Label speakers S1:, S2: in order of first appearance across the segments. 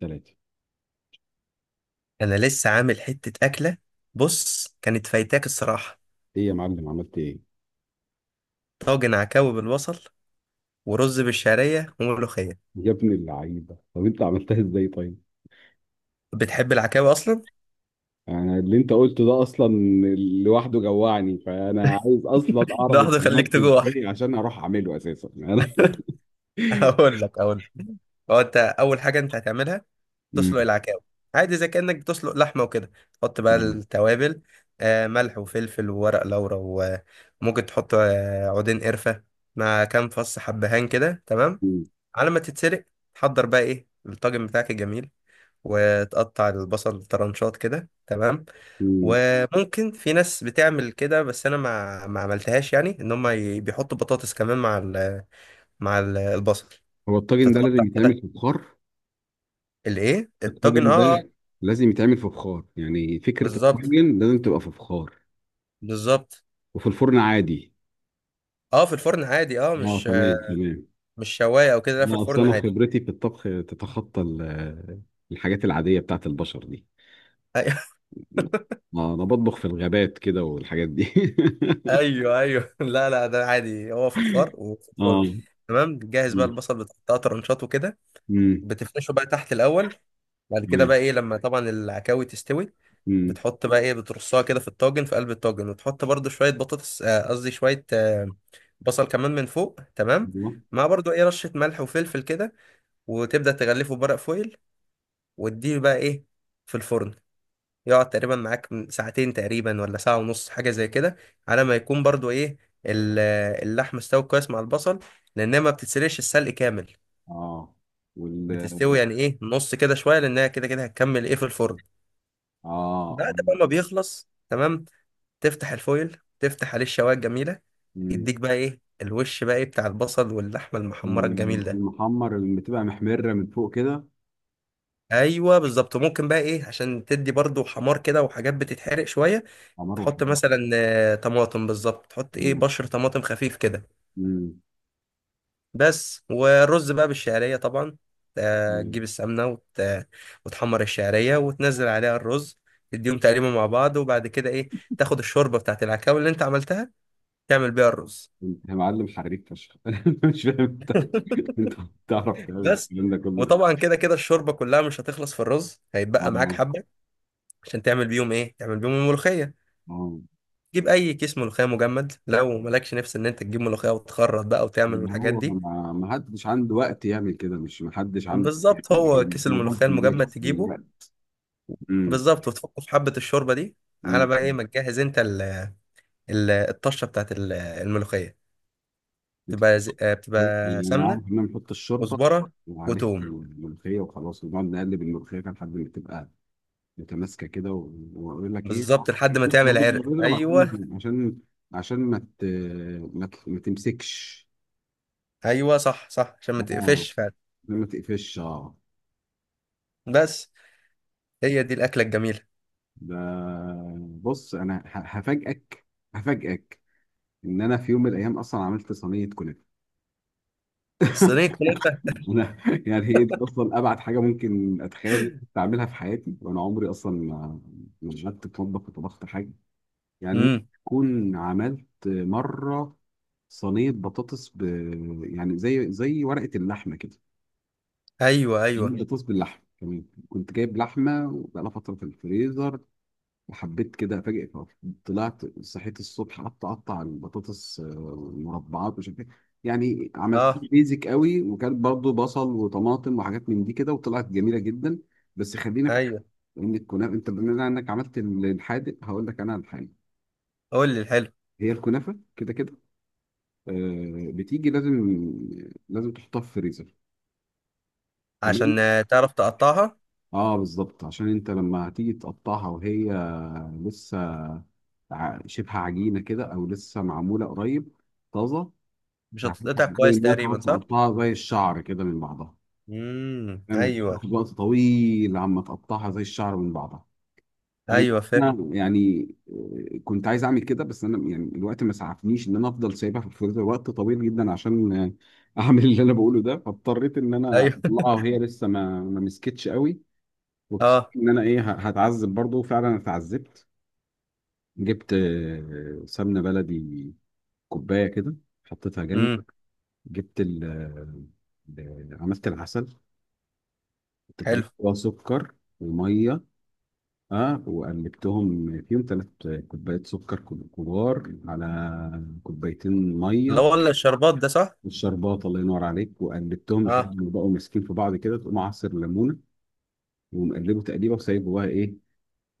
S1: ثلاثة.
S2: انا لسه عامل حتة اكلة. بص، كانت فايتاك الصراحة.
S1: ايه يا معلم، عملت ايه؟
S2: طاجن عكاوي بالبصل، ورز بالشعرية، وملوخية.
S1: يا ابن اللعيبة، طب انت عملتها ازاي طيب؟
S2: بتحب العكاوي اصلا؟
S1: انا اللي انت قلته ده اصلا لوحده جوعني، فانا عايز اصلا اعرف انت
S2: لحظة، خليك
S1: عملته
S2: تجوع.
S1: ازاي عشان اروح اعمله اساسا انا.
S2: اقول لك. هو انت اول حاجة انت هتعملها تسلق
S1: مم.
S2: العكاوي. عادي زي كأنك بتسلق لحمة وكده، تحط بقى
S1: مم.
S2: التوابل، ملح وفلفل وورق لورا. وممكن تحط عودين قرفة مع كام فص حبهان، كده تمام.
S1: مم.
S2: على ما تتسلق، تحضر بقى ايه الطاجن بتاعك الجميل، وتقطع البصل طرنشات، كده تمام.
S1: مم.
S2: وممكن في ناس بتعمل كده، بس انا ما عملتهاش، يعني ان هم بيحطوا بطاطس كمان مع البصل.
S1: هو الطاجن ده
S2: تتقطع
S1: لازم يتعمل
S2: كده.
S1: في بخار؟
S2: الايه الطاجن،
S1: الطاجن
S2: اه اه.
S1: ده لازم يتعمل في بخار، يعني فكرة
S2: بالظبط،
S1: الطاجن لازم تبقى في بخار
S2: بالظبط.
S1: وفي الفرن عادي؟
S2: اه، في الفرن عادي، اه،
S1: اه،
S2: مش
S1: تمام تمام.
S2: مش شوايه او كده، لا في
S1: لا، اصل
S2: الفرن
S1: انا
S2: عادي.
S1: خبرتي في الطبخ تتخطى الحاجات العادية بتاعت البشر دي. اه، انا بطبخ في الغابات كده والحاجات دي.
S2: أيوه ايوه ايوه، لا لا، ده عادي، هو فخار وفي الفرن.
S1: اه.
S2: تمام. جاهز بقى
S1: مم.
S2: البصل، بتقطعه طرنشات وكده.
S1: مم.
S2: بتفرشه بقى تحت الاول. بعد كده بقى
S1: تمام.
S2: ايه، لما طبعا العكاوي تستوي،
S1: مم.
S2: بتحط بقى ايه، بترصها كده في الطاجن، في قلب الطاجن، وتحط برضو شوية بطاطس، قصدي شوية بصل كمان من فوق، تمام.
S1: أيوة.
S2: مع برضو ايه رشة ملح وفلفل كده، وتبدأ تغلفه بورق فويل، وتديه بقى ايه في الفرن. يقعد تقريبا معاك من ساعتين تقريبا، ولا ساعة ونص، حاجة زي كده، على ما يكون برضو ايه ال- اللحم استوى كويس مع البصل، لأنها ما بتتسلقش السلق كامل.
S1: اه. وال،
S2: بتستوي يعني ايه نص كده شوية، لأنها كده كده هتكمل ايه في الفرن.
S1: اه.
S2: بعد
S1: آه.
S2: بقى ما بيخلص، تمام، تفتح الفويل، تفتح عليه الشوايه الجميله،
S1: مم.
S2: يديك بقى ايه الوش بقى ايه بتاع البصل واللحمه المحمره الجميل ده.
S1: المحمر اللي بتبقى محمرة من فوق كده.
S2: ايوه بالظبط. ممكن بقى ايه عشان تدي برضو حمار كده، وحاجات بتتحرق شويه،
S1: حمار
S2: تحط
S1: وحمير.
S2: مثلا طماطم، بالظبط، تحط ايه
S1: مم.
S2: بشر طماطم خفيف كده.
S1: مم.
S2: بس. والرز بقى بالشعريه طبعا، تجيب
S1: مم.
S2: السمنه وتحمر الشعريه وتنزل عليها الرز، تديهم تقريبا مع بعض. وبعد كده ايه، تاخد الشوربه بتاعت العكاوي اللي انت عملتها، تعمل بيها الرز.
S1: انت يا معلم حريف فشخ. انا مش فاهم انت، انت بتعرف تعمل
S2: بس.
S1: الكلام ده كله إزاي.
S2: وطبعا كده كده الشوربه كلها مش هتخلص في الرز،
S1: اه.
S2: هيتبقى معاك حبه عشان تعمل بيهم ايه، تعمل بيهم الملوخيه.
S1: اه.
S2: تجيب اي كيس ملوخيه مجمد، لو مالكش نفس ان انت تجيب ملوخيه وتخرط بقى وتعمل
S1: ما
S2: الحاجات
S1: هو،
S2: دي.
S1: ما حدش عنده وقت يعمل كده، مش ما حدش عنده يعني.
S2: بالظبط، هو كيس
S1: الموضوع
S2: الملوخيه
S1: في النت
S2: المجمد تجيبه.
S1: دلوقتي.
S2: بالظبط، وتحطه في حبه الشوربه دي. على
S1: مم.
S2: بقى ايه ما تجهز انت ال الطشه بتاعت الملوخيه.
S1: انت
S2: بتبقى ز-
S1: بتحط
S2: آه،
S1: ملوخية؟
S2: بتبقى
S1: يعني انا
S2: سمنه،
S1: عارف ان انا بنحط الشوربه
S2: كزبره،
S1: وعليها
S2: وتوم.
S1: الملوخيه وخلاص، ونقعد نقلب الملوخيه كده لحد ما تبقى متماسكه كده واقول لك ايه،
S2: بالظبط، لحد ما تعمل عرق.
S1: اضرب عشان،
S2: ايوه،
S1: عشان، عشان ما ت... ما تمسكش.
S2: ايوه صح صح، عشان ما
S1: اه،
S2: تقفش فعلا.
S1: ما تقفش اه.
S2: بس. هي دي الاكله الجميله.
S1: ده، بص انا هفاجئك، هفاجئك ان انا في يوم من الايام اصلا عملت صينيه كنافه.
S2: صينيه فراخ.
S1: انا يعني هي دي اصلا ابعد حاجه ممكن اتخيل اعملها في حياتي، وانا عمري اصلا ما قعدت اتوضى وطبخت حاجه. يعني ممكن
S2: امم.
S1: اكون عملت مره صينيه بطاطس ب... يعني زي ورقه اللحمه كده،
S2: ايوه
S1: صينية
S2: ايوه
S1: بطاطس باللحمه كمان. كنت جايب لحمه وبقالها فتره في الفريزر، حبيت كده افاجئك أهو. طلعت صحيت الصبح قعدت اقطع البطاطس، المربعات ومش عارف ايه. يعني عملت
S2: اه
S1: بيزك قوي، وكان برضو بصل وطماطم وحاجات من دي كده، وطلعت جميله جدا. بس خلينا في
S2: ايوه.
S1: ان الكنافه، انت بما انك عملت الحادق هقول لك انا على الحاجه.
S2: قول لي الحلو.
S1: هي الكنافه كده كده، بتيجي لازم، لازم تحطها في الفريزر.
S2: عشان
S1: تمام.
S2: تعرف تقطعها.
S1: اه بالظبط، عشان انت لما هتيجي تقطعها وهي لسه، شبه عجينه كده او لسه معموله قريب طازه،
S2: مش
S1: هتفتح
S2: هتتقطع
S1: الأول
S2: كويس
S1: إنها
S2: تقريبا،
S1: تقعد
S2: صح.
S1: تقطعها زي الشعر كده من بعضها. يعني
S2: ايوه.
S1: تاخد وقت طويل عما تقطعها زي الشعر من بعضها. أي
S2: ايوه فاهم.
S1: نعم، أنا يعني، كنت عايز أعمل كده، بس أنا يعني الوقت ما سعفنيش إن أنا أفضل سايبها في الفريزر وقت طويل جدا عشان، أعمل اللي أنا بقوله ده. فاضطريت إن أنا
S2: ايوه.
S1: أطلعها وهي لسه ما مسكتش قوي. واكتشفت
S2: اه.
S1: إن أنا إيه، هتعذب برضه، فعلا اتعذبت. جبت سمنة بلدي كوباية كده، حطيتها جنبي.
S2: امم.
S1: جبت ال، عملت العسل، انت فاهم،
S2: حلو.
S1: وسكر وميه. اه وقلبتهم فيهم ثلاث كوبايات سكر، كبار، على كوبايتين
S2: اللي
S1: ميه.
S2: هو الشربات ده، صح.
S1: والشربات، الله ينور عليك، وقلبتهم
S2: اه.
S1: لحد ما بقوا ماسكين في بعض كده. تقوم عصر ليمونه ومقلبه تقليبه وسايبه بقى ايه،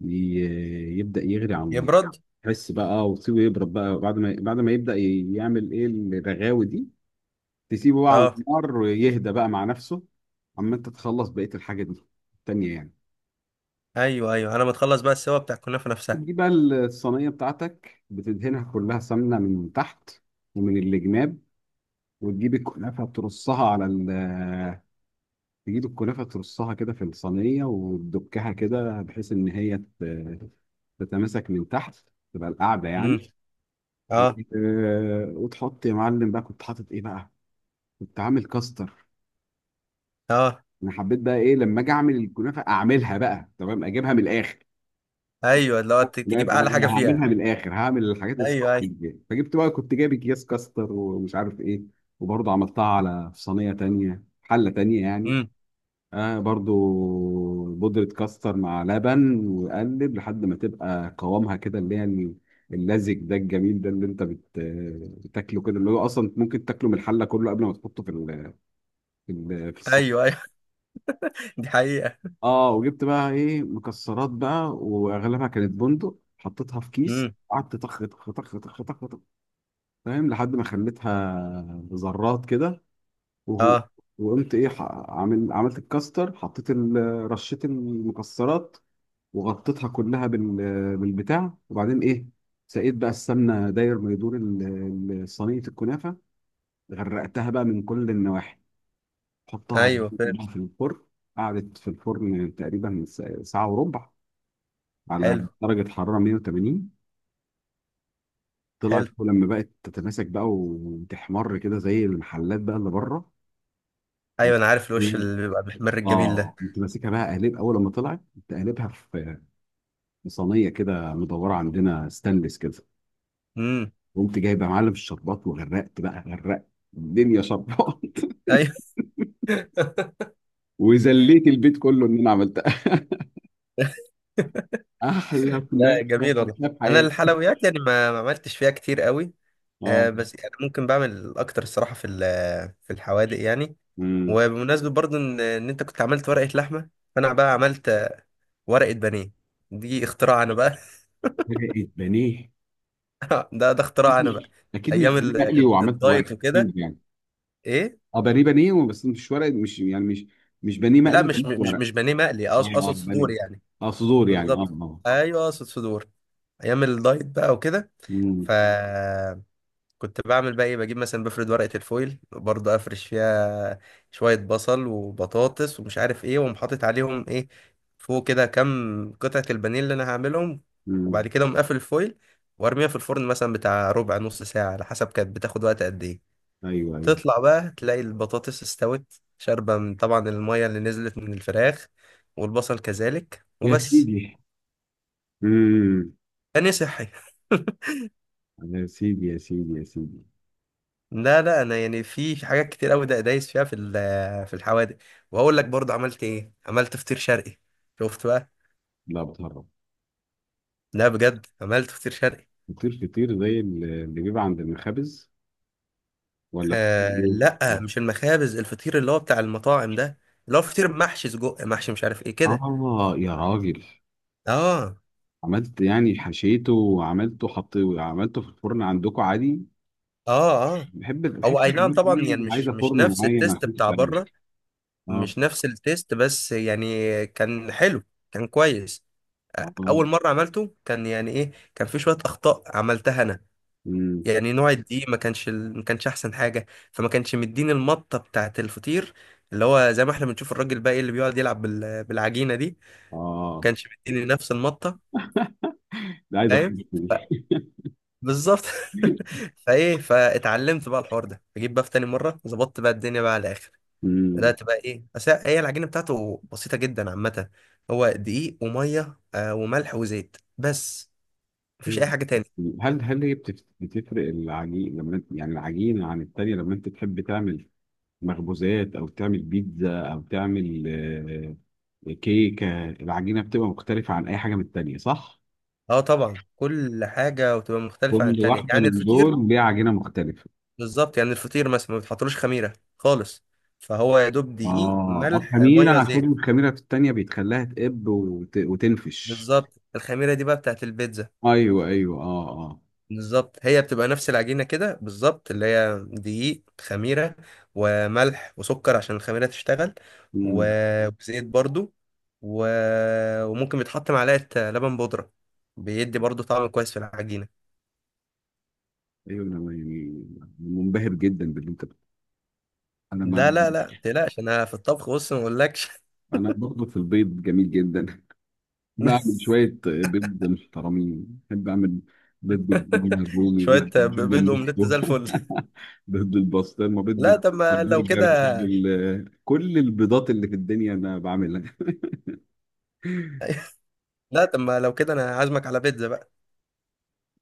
S1: يبدا يغلي على النار.
S2: يبرد.
S1: تحس بقى وتسيبه يبرد بقى بعد ما، بعد ما يبدا يعمل ايه الرغاوي دي، تسيبه بقى على
S2: اه
S1: النار ويهدى بقى مع نفسه، اما انت تخلص بقيه الحاجه دي التانيه يعني.
S2: ايوه ايوه، انا متخلص بقى السوا بتاع الكنافه نفسها.
S1: بتجيب بقى الصينيه بتاعتك، بتدهنها كلها سمنه من تحت ومن الجناب، وتجيب الكنافه ترصها على ال، تجيب الكنافه ترصها كده في الصينيه، وتدكها كده بحيث ان هي تتماسك من تحت، تبقى القاعده يعني.
S2: امم.
S1: و،
S2: اه
S1: وتحط يا معلم بقى. كنت حاطط ايه بقى؟ كنت عامل كاستر.
S2: اه.
S1: انا حبيت بقى ايه، لما اجي اعمل الكنافه اعملها بقى تمام، اجيبها من الاخر.
S2: ايوه، اللي هو
S1: لا
S2: تجيب
S1: فانا،
S2: اعلى
S1: أنا
S2: حاجه فيها.
S1: هعملها من الاخر، هعمل الحاجات الصح
S2: ايوه ايوه.
S1: دي. فجبت بقى، كنت جايب اكياس كاستر ومش عارف ايه. وبرضه عملتها على، في صينيه تانية، حله تانية يعني.
S2: امم.
S1: آه برضه بودره كاستر مع لبن، وقلب لحد ما تبقى قوامها كده، اللي هي اللزج ده الجميل ده، اللي انت بت... بتاكله كده، اللي هو اصلا ممكن تاكله من الحله كله قبل ما تحطه في ال... في ال... في الصينية.
S2: ايوه ايوه. دي حقيقه.
S1: اه، وجبت بقى ايه مكسرات بقى، واغلبها كانت بندق، حطيتها في كيس
S2: امم.
S1: قعدت طخ طخ طخ طخ طخ طخ، فاهم، لحد ما خليتها ذرات كده. وهو،
S2: اه
S1: وقمت ايه، عامل، عملت الكاستر، حطيت ال-، رشيت المكسرات وغطيتها كلها بال-، بالبتاع. وبعدين ايه، سقيت بقى السمنه داير ما يدور صينيه الكنافه، غرقتها بقى من كل النواحي، حطها
S2: ايوه فاهم.
S1: في الفرن. قعدت في الفرن تقريبا ساعه وربع على
S2: حلو.
S1: درجة حرارة 180. طلعت
S2: حلو.
S1: لما بقت تتماسك بقى وتحمر كده زي المحلات بقى اللي بره.
S2: ايوه،
S1: وت-
S2: انا عارف الوش اللي بيبقى محمر الجميل ده.
S1: اه كنت ماسكها بقى، قالب اول، لما طلعت كنت قالبها في، في صينيه كده مدوره عندنا، ستانلس كده.
S2: امم.
S1: قمت جايب يا معلم الشربات، وغرقت بقى، غرقت الدنيا شربات.
S2: ايوه.
S1: وذليت البيت كله ان انا عملتها. احلى
S2: لا،
S1: كنافه
S2: جميل والله.
S1: اكلتها في
S2: انا
S1: حياتي.
S2: الحلويات يعني ما عملتش فيها كتير قوي.
S1: اه.
S2: آه، بس يعني ممكن بعمل اكتر الصراحه في في الحوادق يعني.
S1: امم.
S2: وبمناسبه برضو ان انت كنت عملت ورقه لحمه، فانا بقى عملت ورقه بانيه. دي اختراع انا بقى.
S1: فرقت بانيه؟
S2: ده اختراع انا بقى.
S1: اكيد مش
S2: ايام
S1: بانيه مقلي، وعملت ورق
S2: الدايت وكده.
S1: أكيد يعني.
S2: ايه؟
S1: اه، بانيه بانيه بس مش ورق، مش يعني مش، مش بانيه
S2: لا،
S1: مقلي،
S2: مش
S1: مش
S2: مش مش
S1: ورق.
S2: بانيه مقلي،
S1: اه اه
S2: اقصد صدور
S1: بانيه.
S2: يعني.
S1: اه، صدور يعني اه
S2: بالظبط.
S1: اه.
S2: ايوه اقصد صدور. ايام الدايت بقى وكده.
S1: امم.
S2: فكنت بعمل بقى ايه، بجيب مثلا، بفرد ورقة الفويل برضه، افرش فيها شوية بصل وبطاطس ومش عارف ايه، واقوم حاطط عليهم ايه فوق كده كام قطعة البانيه اللي انا هعملهم. وبعد
S1: امم.
S2: كده اقوم قافل الفويل وارميها في الفرن، مثلا بتاع ربع نص ساعة، على حسب كانت بتاخد وقت قد ايه.
S1: ايوه ايوه.
S2: تطلع بقى تلاقي البطاطس استوت شاربة من طبعا المية اللي نزلت من الفراخ، والبصل كذلك،
S1: يا
S2: وبس.
S1: سيدي. امم.
S2: تاني صحي.
S1: يا سيدي يا سيدي يا سيدي.
S2: لا لا، انا يعني في حاجات كتير قوي ده دايس فيها في الحوادق. وهقول لك برضه عملت ايه، عملت فطير شرقي، شفت بقى.
S1: لا بتهرب.
S2: لا بجد، عملت فطير شرقي.
S1: فطير، فطير زي اللي بيبقى عند المخابز؟ ولا
S2: آه
S1: فطير؟
S2: لا، مش المخابز، الفطير اللي هو بتاع المطاعم ده، اللي هو فطير محشي سجق، محشي مش عارف ايه كده.
S1: اه يا راجل.
S2: اه.
S1: عملت يعني، حشيته وعملته، حط عملته في الفرن عندكم عادي؟
S2: اه اه.
S1: بحب بحس ان
S2: هو اي نعم،
S1: الحاجات
S2: طبعا، يعني
S1: دي عايزه
S2: مش
S1: فرن
S2: نفس
S1: معين
S2: التيست
S1: عشان
S2: بتاع
S1: تتعمل.
S2: بره.
S1: اه.
S2: مش نفس التيست، بس يعني كان حلو، كان كويس.
S1: اه.
S2: اول مره عملته كان يعني ايه، كان في شويه اخطاء عملتها انا.
S1: امم.
S2: يعني نوع الدقيق ما كانش احسن حاجه. فما كانش مديني المطه بتاعت الفطير، اللي هو زي ما احنا بنشوف الراجل الباقي اللي بيقعد يلعب بالعجينه دي. ما
S1: اه.
S2: كانش مديني نفس المطه.
S1: ده عايز
S2: فاهم،
S1: افكر فيه.
S2: بالظبط. فايه، فاتعلمت بقى الحوار ده، اجيب بقى في تاني مره، ظبطت بقى الدنيا بقى على الاخر.
S1: أمم.
S2: بدات بقى ايه، بس هي العجينه بتاعته بسيطه جدا عامه، هو دقيق وميه آه وملح وزيت بس، مفيش اي
S1: ايوه.
S2: حاجه تاني.
S1: هل هي بتفرق العجين لما انت، يعني العجينة عن التانية، لما انت تحب تعمل مخبوزات او تعمل بيتزا او تعمل، كيكة؟ العجينة بتبقى مختلفة عن اي حاجة من التانية صح؟
S2: اه طبعا، كل حاجه وتبقى مختلفه عن
S1: كل
S2: التانيه،
S1: واحدة
S2: يعني
S1: من
S2: الفطير.
S1: دول ليها عجينة مختلفة.
S2: بالظبط، يعني الفطير مثلا ما بتحطلوش خميره خالص، فهو يا دوب
S1: اه،
S2: دقيق ملح
S1: خميرة،
S2: ميه
S1: عشان
S2: زيت.
S1: الخميرة في التانية بيتخليها تقب وتنفش.
S2: بالظبط، الخميره دي بقى بتاعت البيتزا.
S1: ايوه ايوه. اه اه.
S2: بالظبط، هي بتبقى نفس العجينه كده بالظبط، اللي هي دقيق، خميره، وملح وسكر عشان الخميره تشتغل،
S1: مم.
S2: وزيت برضو، و... وممكن بيتحط معلقه لبن بودره، بيدي برضو طعم كويس في العجينه.
S1: ايوه انا يعني منبهر جدا باللي انت، انا
S2: لا
S1: ما،
S2: لا لا، متقلقش، انا في الطبخ، بص ما اقولكش.
S1: انا برضه في البيض جميل جدا. بعمل شويه بيض محترمين، بحب اعمل بيض بالجبنه الرومي، بيض
S2: شويه
S1: بالجبنه
S2: بيض اومليت زي
S1: النستور،
S2: الفل.
S1: بيض بالبسطرمه، بيض
S2: لا طب ما لو
S1: بالبرجر، بيض
S2: كده.
S1: بال-، كل البيضات اللي في الدنيا انا بعملها.
S2: لا طب ما لو كده، انا عازمك على بيتزا بقى.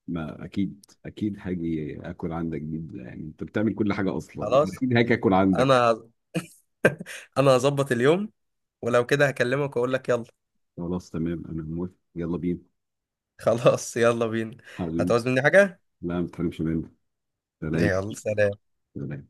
S1: ما اكيد اكيد هاجي اكل عندك، جدا يعني انت بتعمل كل حاجه اصلا،
S2: خلاص.
S1: اكيد هاجي اكل عندك.
S2: انا انا هظبط اليوم، ولو كده هكلمك واقول لك يلا.
S1: خلاص تمام، انا موافق، يلا بينا.
S2: خلاص، يلا بينا.
S1: حبيبي.
S2: هتعوز مني حاجة؟
S1: لا، ما تحرمش مني. سلام.
S2: يلا سلام.
S1: سلام.